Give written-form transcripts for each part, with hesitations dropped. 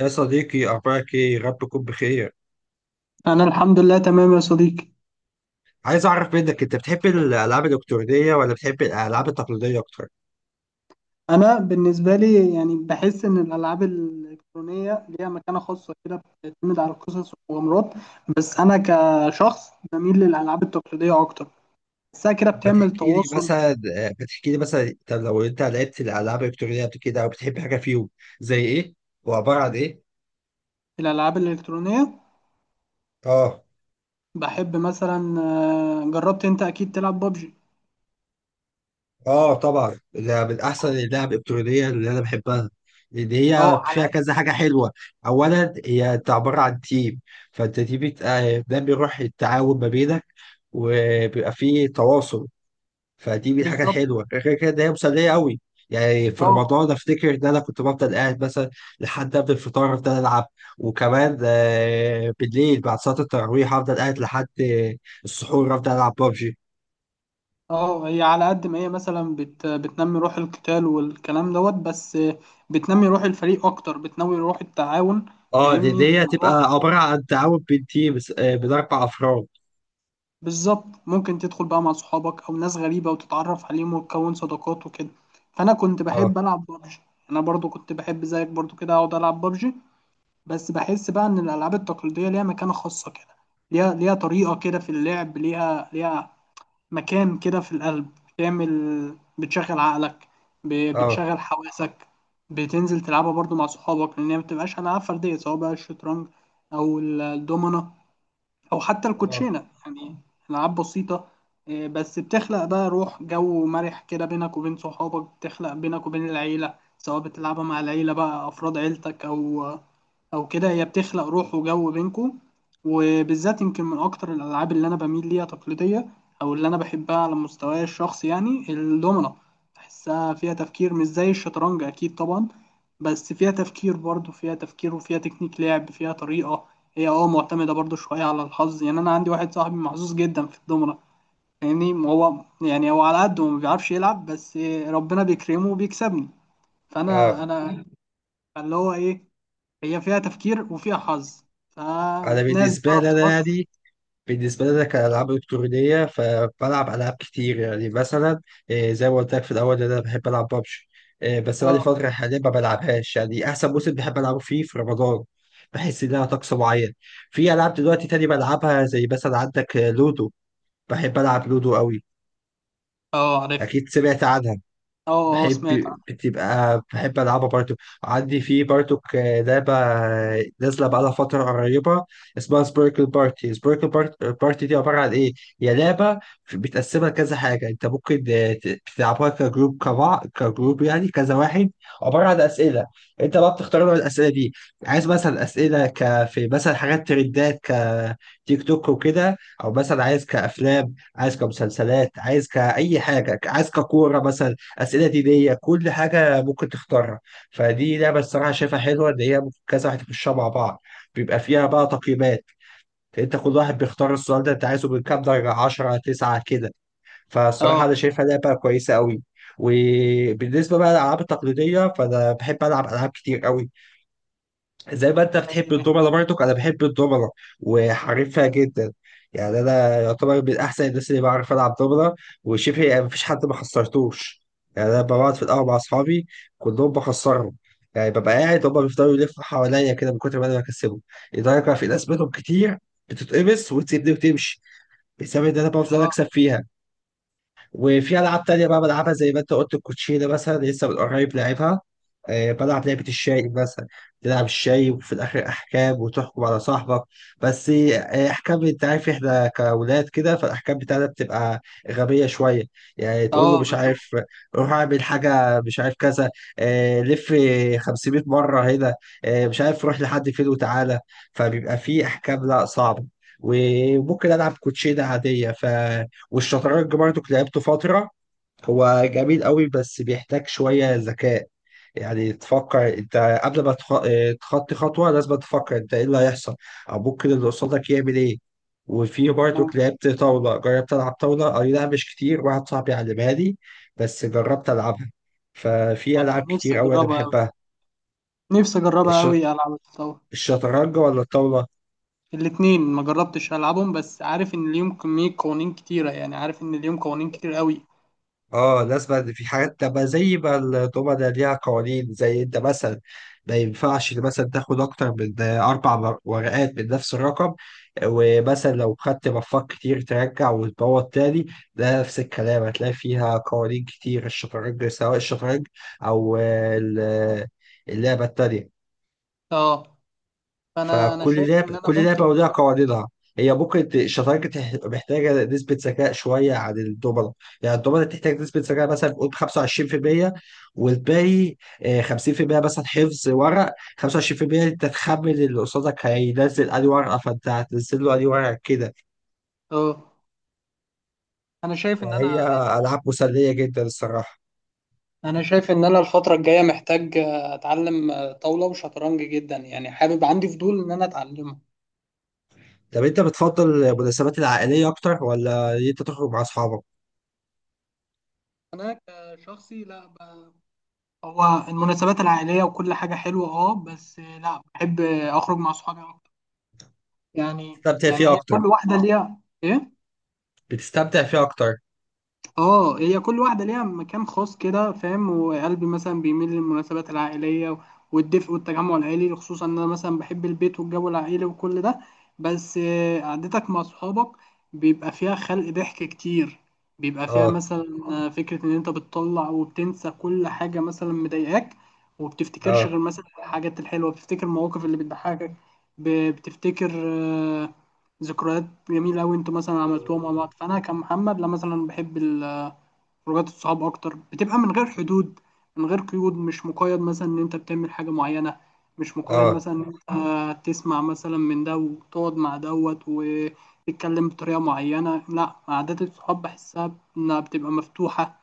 يا صديقي أخبارك إيه؟ يا رب تكون بخير. أنا الحمد لله تمام يا صديقي. عايز أعرف منك أنت بتحب الألعاب الإلكترونية ولا بتحب الألعاب التقليدية أكتر؟ أنا بالنسبة لي يعني بحس إن الألعاب الإلكترونية ليها مكانة خاصة كده، بتعتمد على القصص والمغامرات. بس أنا كشخص بميل للألعاب التقليدية أكتر. بحسها كده طب ما بتعمل تحكي لي تواصل. مثلا ما تحكي لي مثلا أنت لو لعبت الألعاب الإلكترونية قبل كده أو بتحب حاجة فيهم زي إيه؟ وعبارة عن إيه؟ الألعاب الإلكترونية آه، بحب مثلا جربت أنت أكيد تلعب بابجي. آه طبعا ده من أحسن اللعب الإلكترونية اللي أنا بحبها، لأن أه هي على فيها قد. كذا حاجة حلوة. أولا هي أنت عبارة عن تيم، فأنت دي بت... آه، ده بيروح التعاون ما بينك وبيبقى فيه تواصل. فدي من الحاجات بالظبط. الحلوه، غير كده إن هي مسليه قوي. يعني في أه، رمضان افتكر ان انا كنت بفضل قاعد مثلا لحد قبل الفطار افضل العب، وكمان بالليل بعد صلاه التراويح افضل قاعد لحد السحور افضل العب ببجي. أه، هي على قد ما هي مثلا بتنمي روح القتال والكلام دوت بس، بتنمي روح الفريق أكتر، بتنمي روح التعاون. اه، دي فاهمني دي هتبقى الموضوع. عباره عن تعاون بين تيم من اربع افراد. بالظبط، ممكن تدخل بقى مع صحابك او ناس غريبه وتتعرف عليهم وتكون صداقات وكده. فانا كنت اه، بحب العب بابجي. انا برضو كنت بحب زيك برضو كده اقعد العب بابجي. بس بحس بقى ان الالعاب التقليديه ليها مكانه خاصه كده. ليها طريقه كده في اللعب. ليها مكان كده في القلب. بتشغل عقلك. اه، بتشغل حواسك. بتنزل تلعبها برضو مع صحابك، لان هي ما بتبقاش العاب فرديه، سواء بقى الشطرنج او الدومنه او حتى اه، الكوتشينه يعني. العاب بسيطه، بس بتخلق بقى روح، جو مرح كده بينك وبين صحابك، بتخلق بينك وبين العيله، سواء بتلعبها مع العيله بقى، افراد عيلتك او كده. هي بتخلق روح وجو بينكو. وبالذات، يمكن من اكتر الالعاب اللي انا بميل ليها تقليديه، او اللي انا بحبها على مستواي الشخصي، يعني الدومنة. بحسها فيها تفكير، مش زي الشطرنج اكيد طبعا، بس فيها تفكير، برضه فيها تفكير وفيها تكنيك لعب، فيها طريقه. هي معتمده برضه شويه على الحظ. يعني انا عندي واحد صاحبي محظوظ جدا في الدومنة. يعني هو على قده ما بيعرفش يلعب، بس ربنا بيكرمه وبيكسبني. فانا اه. انا اللي هو ايه، هي فيها تفكير وفيها حظ، انا فناس بالنسبه بتعرف لي انا تفكر. يعني بالنسبة لنا كألعاب إلكترونية فبلعب ألعاب كتير، يعني مثلا زي ما قلت لك في الأول إن أنا بحب ألعب ببجي، بس بقالي اه. فترة حاليا ما بلعبهاش. يعني أحسن موسم بحب ألعبه فيه في رمضان، بحس إنها طقس معين. في ألعاب دلوقتي تاني بلعبها، زي مثلا عندك لودو، بحب ألعب لودو قوي. اه، عارف. أكيد سمعت عنها. اه، اه، بحب سمعت عنها. بحب ألعبها برضو. عندي لعبة نازلة بقالها فترة قريبة، اسمها سبيركل بارتي. سبيركل بارتي دي عبارة عن إيه؟ هي لعبة بتقسمها كذا حاجة، أنت ممكن تلعبها كجروب، كبعض كجروب، يعني كذا واحد، عبارة عن أسئلة. أنت بقى بتختار نوع الأسئلة دي، عايز مثلا أسئلة ك في مثلا حاجات ترندات كتيك توك وكده، أو مثلا عايز كأفلام، عايز كمسلسلات، عايز كأي حاجة، عايز ككورة مثلا، اسئله دينيه، كل حاجه ممكن تختارها. فدي لعبه الصراحه شايفها حلوه ان هي ممكن كذا واحد يخشها مع بعض. بيبقى فيها بقى تقييمات، انت كل واحد بيختار السؤال ده انت عايزه من كام درجه، 10، 9 كده. فالصراحه اه. انا شايفها لعبه كويسه قوي. وبالنسبه بقى للالعاب التقليديه فانا بحب العب العاب كتير قوي، زي ما انت زي. بتحب الدومنة، برضك انا بحب الدومنة وحريفها جدا. يعني انا يعتبر من احسن الناس اللي بعرف العب دومنة، وشبه يعني مفيش حد ما خسرتوش. يعني انا ببقى بقعد في القهوة مع اصحابي كلهم بخسرهم. يعني ببقى قاعد هما بيفضلوا يلفوا حواليا كده من كتر ما انا بكسبهم، لدرجة في ناس منهم كتير بتتقمص وتسيبني وتمشي بسبب ان انا بفضل اكسب اه. فيها. وفي العاب تانية بقى بلعبها زي ما انت قلت، الكوتشينه مثلا لسه من قريب لعبها. بلعب لعبه الشاي مثلا، تلعب الشاي وفي الاخر احكام، وتحكم على صاحبك. بس احكام انت عارف احنا كاولاد كده فالاحكام بتاعتنا بتبقى غبيه شويه. يعني تقول له اه، مش بشوف. عارف روح اعمل حاجه مش عارف كذا، لف 500 مره هنا، مش عارف روح لحد فين وتعالى. فبيبقى في احكام لا صعبه، وممكن العب كوتشينه عاديه. ف والشطرنج برضك لعبته فترة، هو جميل قوي بس بيحتاج شوية ذكاء. يعني تفكر انت قبل ما تخ... اه، تخطي خطوة لازم تفكر انت ايه اللي هيحصل او ممكن اللي قصادك يعمل ايه. وفي مم. برضك لعبت طاولة، جربت ألعب طاولة، أي لا مش كتير، واحد صاحبي علمها لي بس جربت ألعبها. ففي انا ألعاب نفسي كتير أوي أنا اجربها قوي. بحبها. نفسي اجربها الش... قوي العب الطاولة. الشطرنج ولا الطاولة؟ الاتنين ما جربتش العبهم، بس عارف ان ليهم كمية قوانين كتيرة، يعني عارف ان ليهم قوانين كتير قوي. اه الناس بقى في حاجات تبقى زي ما الضمنة ليها قوانين، زي انت مثلا ما ينفعش مثلا تاخد اكتر من اربع ورقات من نفس الرقم، ومثلا لو خدت مفاق كتير ترجع وتبوظ تاني. ده نفس الكلام هتلاقي فيها قوانين كتير، الشطرنج سواء الشطرنج او ال- اللعبة التانية. اه. فانا فكل شايف لعبة ان انا كل لعبة ممكن. ولها قواعدها. هي بكرة الشطرنج محتاجة نسبة ذكاء شوية عن الدومنة. يعني الدومنة تحتاج نسبة ذكاء مثلا قول 25%، والباقي 50% مثلا حفظ ورق، 25% انت تخمن اللي قصادك هينزل أي ورقة فانت هتنزل له أي ورقة كده. اه. انا شايف ان انا فهي عايز. ألعاب مسلية جدا الصراحة. انا شايف ان انا الفترة الجاية محتاج اتعلم طاولة وشطرنج جدا، يعني حابب، عندي فضول ان انا اتعلمه. طب انت بتفضل المناسبات العائلية أكتر ولا إن انت تخرج مع أصحابك؟ انا كشخصي لا هو المناسبات العائليه وكل حاجه حلوه بس لا، بحب اخرج مع صحابي اكتر. يعني بتستمتع فيها يعني هي أكتر، كل واحده ليها ايه. بتستمتع فيها أكتر. اه، هي كل واحدة ليها مكان خاص كده فاهم. وقلبي مثلا بيميل للمناسبات العائلية والدفء والتجمع العائلي، خصوصا ان انا مثلا بحب البيت والجو العائلي وكل ده. بس قعدتك مع صحابك بيبقى فيها خلق ضحك كتير. بيبقى فيها اه، مثلا فكرة ان انت بتطلع وبتنسى كل حاجة مثلا مضايقاك، وبتفتكرش اه، غير مثلا الحاجات الحلوة، بتفتكر المواقف اللي بتضحكك. بتفتكر ذكريات جميلة أوي أنتوا مثلا عملتوها مع بعض. فأنا كمحمد لا، مثلا بحب خروجات الصحاب اكتر، بتبقى من غير حدود، من غير قيود، مش مقيد مثلا ان انت بتعمل حاجه معينه، مش مقيد اه. مثلا ان انت تسمع مثلا من ده وتقعد مع دوت وتتكلم بطريقه معينه. لا، عادات الصحاب بحسها انها بتبقى مفتوحه،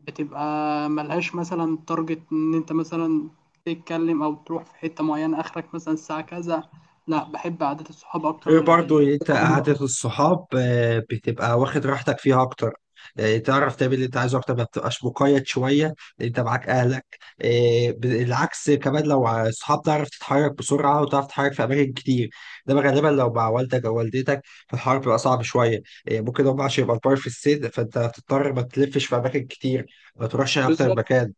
بتبقى ملهاش مثلا تارجت ان انت مثلا تتكلم او تروح في حته معينه اخرك مثلا الساعه كذا. لا، بحب عادات الصحاب اكتر غير من برضو العائله. انت قعدة الصحاب بتبقى واخد راحتك فيها اكتر، تعرف تعمل اللي انت عايزه اكتر ما بتبقاش مقيد شوية. انت معاك اهلك، بالعكس كمان لو الصحاب تعرف تتحرك بسرعة وتعرف تتحرك في اماكن كتير. انما غالبا لو مع والدك او والدتك فالحوار بيبقى صعب شوية، ممكن هم عشان يبقى كبار في السن فانت هتضطر ما تلفش في اماكن كتير، ما تروحش اكتر بالظبط، مكان.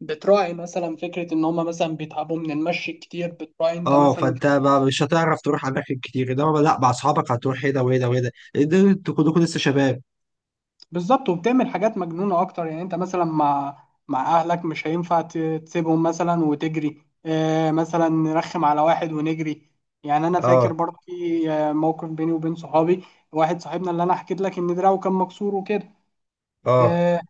بتراعي مثلا فكرة إن هما مثلا بيتعبوا من المشي كتير، بتراعي أنت اه مثلا. فانت مش هتعرف تروح اماكن كتير، انما لا مع اصحابك هتروح هنا وهنا وهنا لان انتوا كلكم لسه شباب. بالظبط، وبتعمل حاجات مجنونة أكتر. يعني أنت مثلا مع أهلك مش هينفع تسيبهم مثلا وتجري، مثلا نرخم على واحد ونجري. يعني أنا فاكر اه، برضه في موقف بيني وبين صحابي. واحد صاحبنا اللي أنا حكيت لك إن دراعه كان مكسور وكده. اه، آه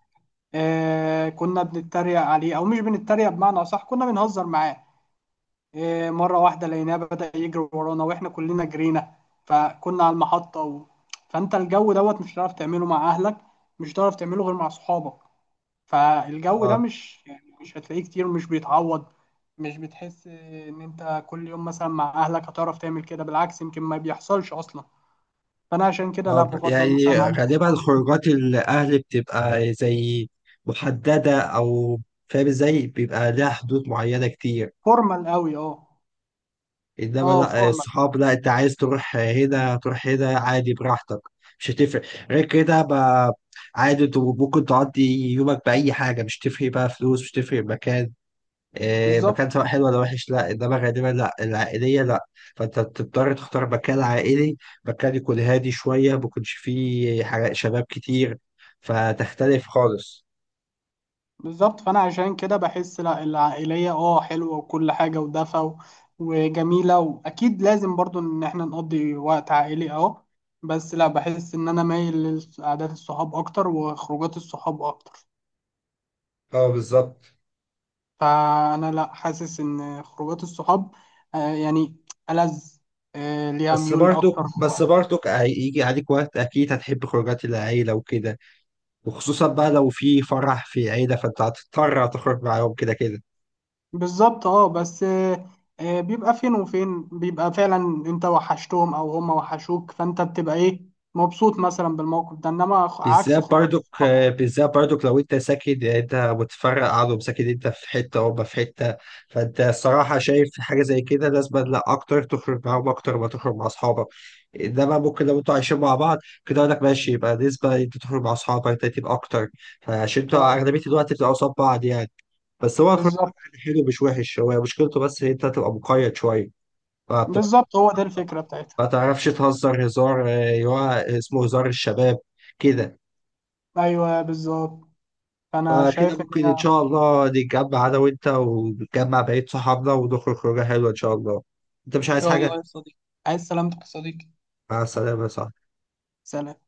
كنا بنتريق عليه، أو مش بنتريق، بمعنى أصح كنا بنهزر معاه. مرة واحدة لقيناه بدأ يجري ورانا، واحنا كلنا جرينا. فكنا على المحطة و... فانت الجو دوت مش هتعرف تعمله مع اهلك، مش هتعرف تعمله غير مع صحابك. فالجو ده اه، مش، يعني مش هتلاقيه كتير، ومش بيتعوض. مش بتحس ان انت كل يوم مثلا مع اهلك هتعرف تعمل كده، بالعكس يمكن ما بيحصلش اصلا. فانا عشان كده لا، اه. بفضل يعني مثلا عدد غالبا الصحاب. خروجات الأهل بتبقى زي محددة أو فاهم ازاي، بيبقى لها حدود معينة كتير. فورمال قوي، إنما اه، لا فورمال. الصحاب لا، أنت عايز تروح هنا تروح هنا عادي براحتك، مش هتفرق. غير كده ما عادي أنت ممكن تقضي يومك بأي حاجة، مش تفرق بقى فلوس، مش تفرق مكان. إيه، بالظبط. مكان سواء حلو ولا وحش لا، انما غالبا لا العائليه لا، فانت بتضطر تختار مكان عائلي، مكان يكون هادي شويه ما يكونش فيه حاجة شباب كتير، فتختلف خالص. بالظبط، فانا عشان كده بحس، لا، العائليه اه حلوه وكل حاجه ودفى وجميله. واكيد لازم برضو ان احنا نقضي وقت عائلي بس لا، بحس ان انا مايل لقعدات الصحاب اكتر وخروجات الصحاب اكتر. اه بالظبط. فانا لا، حاسس ان خروجات الصحاب يعني ألذ، ليها بس ميول برضك اكتر. بس برضك هيجي عليك وقت اكيد هتحب خروجات العيله وكده، وخصوصا بقى لو في فرح في عيله فانت هتضطر تخرج معاهم كده كده. بالظبط اه بس، بيبقى فين وفين، بيبقى فعلا انت وحشتهم او هم وحشوك، فانت بتبقى ايه، مبسوط مثلا بالموقف ده، انما عكس بالذات خروجات برضك الصحاب. بالذات برضك لو انت ساكن، يعني انت متفرق عنهم ساكن انت في حته وهم في حته، فانت الصراحه شايف حاجه زي كده لازم لا اكتر تخرج معاهم اكتر ما تخرج مع اصحابك. انما ممكن لو انتوا عايشين مع بعض، كده اقول لك ماشي يبقى نسبه انت تخرج مع اصحابك ده تبقى اكتر، فعشان انتوا اه، اغلبيه الوقت بتبقوا قصاد بعض يعني. بس هو الخروج مع بالظبط. بعض حلو مش وحش، هو مشكلته بس ان انت تبقى مقيد شويه، فبتبقى بالظبط، هو ده الفكرة بتاعتها. ما تعرفش تهزر هزار، اللي هو اسمه هزار الشباب كده. ايوه بالظبط. فانا فكده شايف ان ممكن هي إن ان شاء الله نتجمع أنا وأنت ونتجمع بقية صحابنا ونخرج خروجة حلوة إن شاء الله. أنت مش عايز شاء الله حاجة؟ يا صديقي. عايز سلامتك يا صديقي. مع السلامة يا صاحبي. سلام.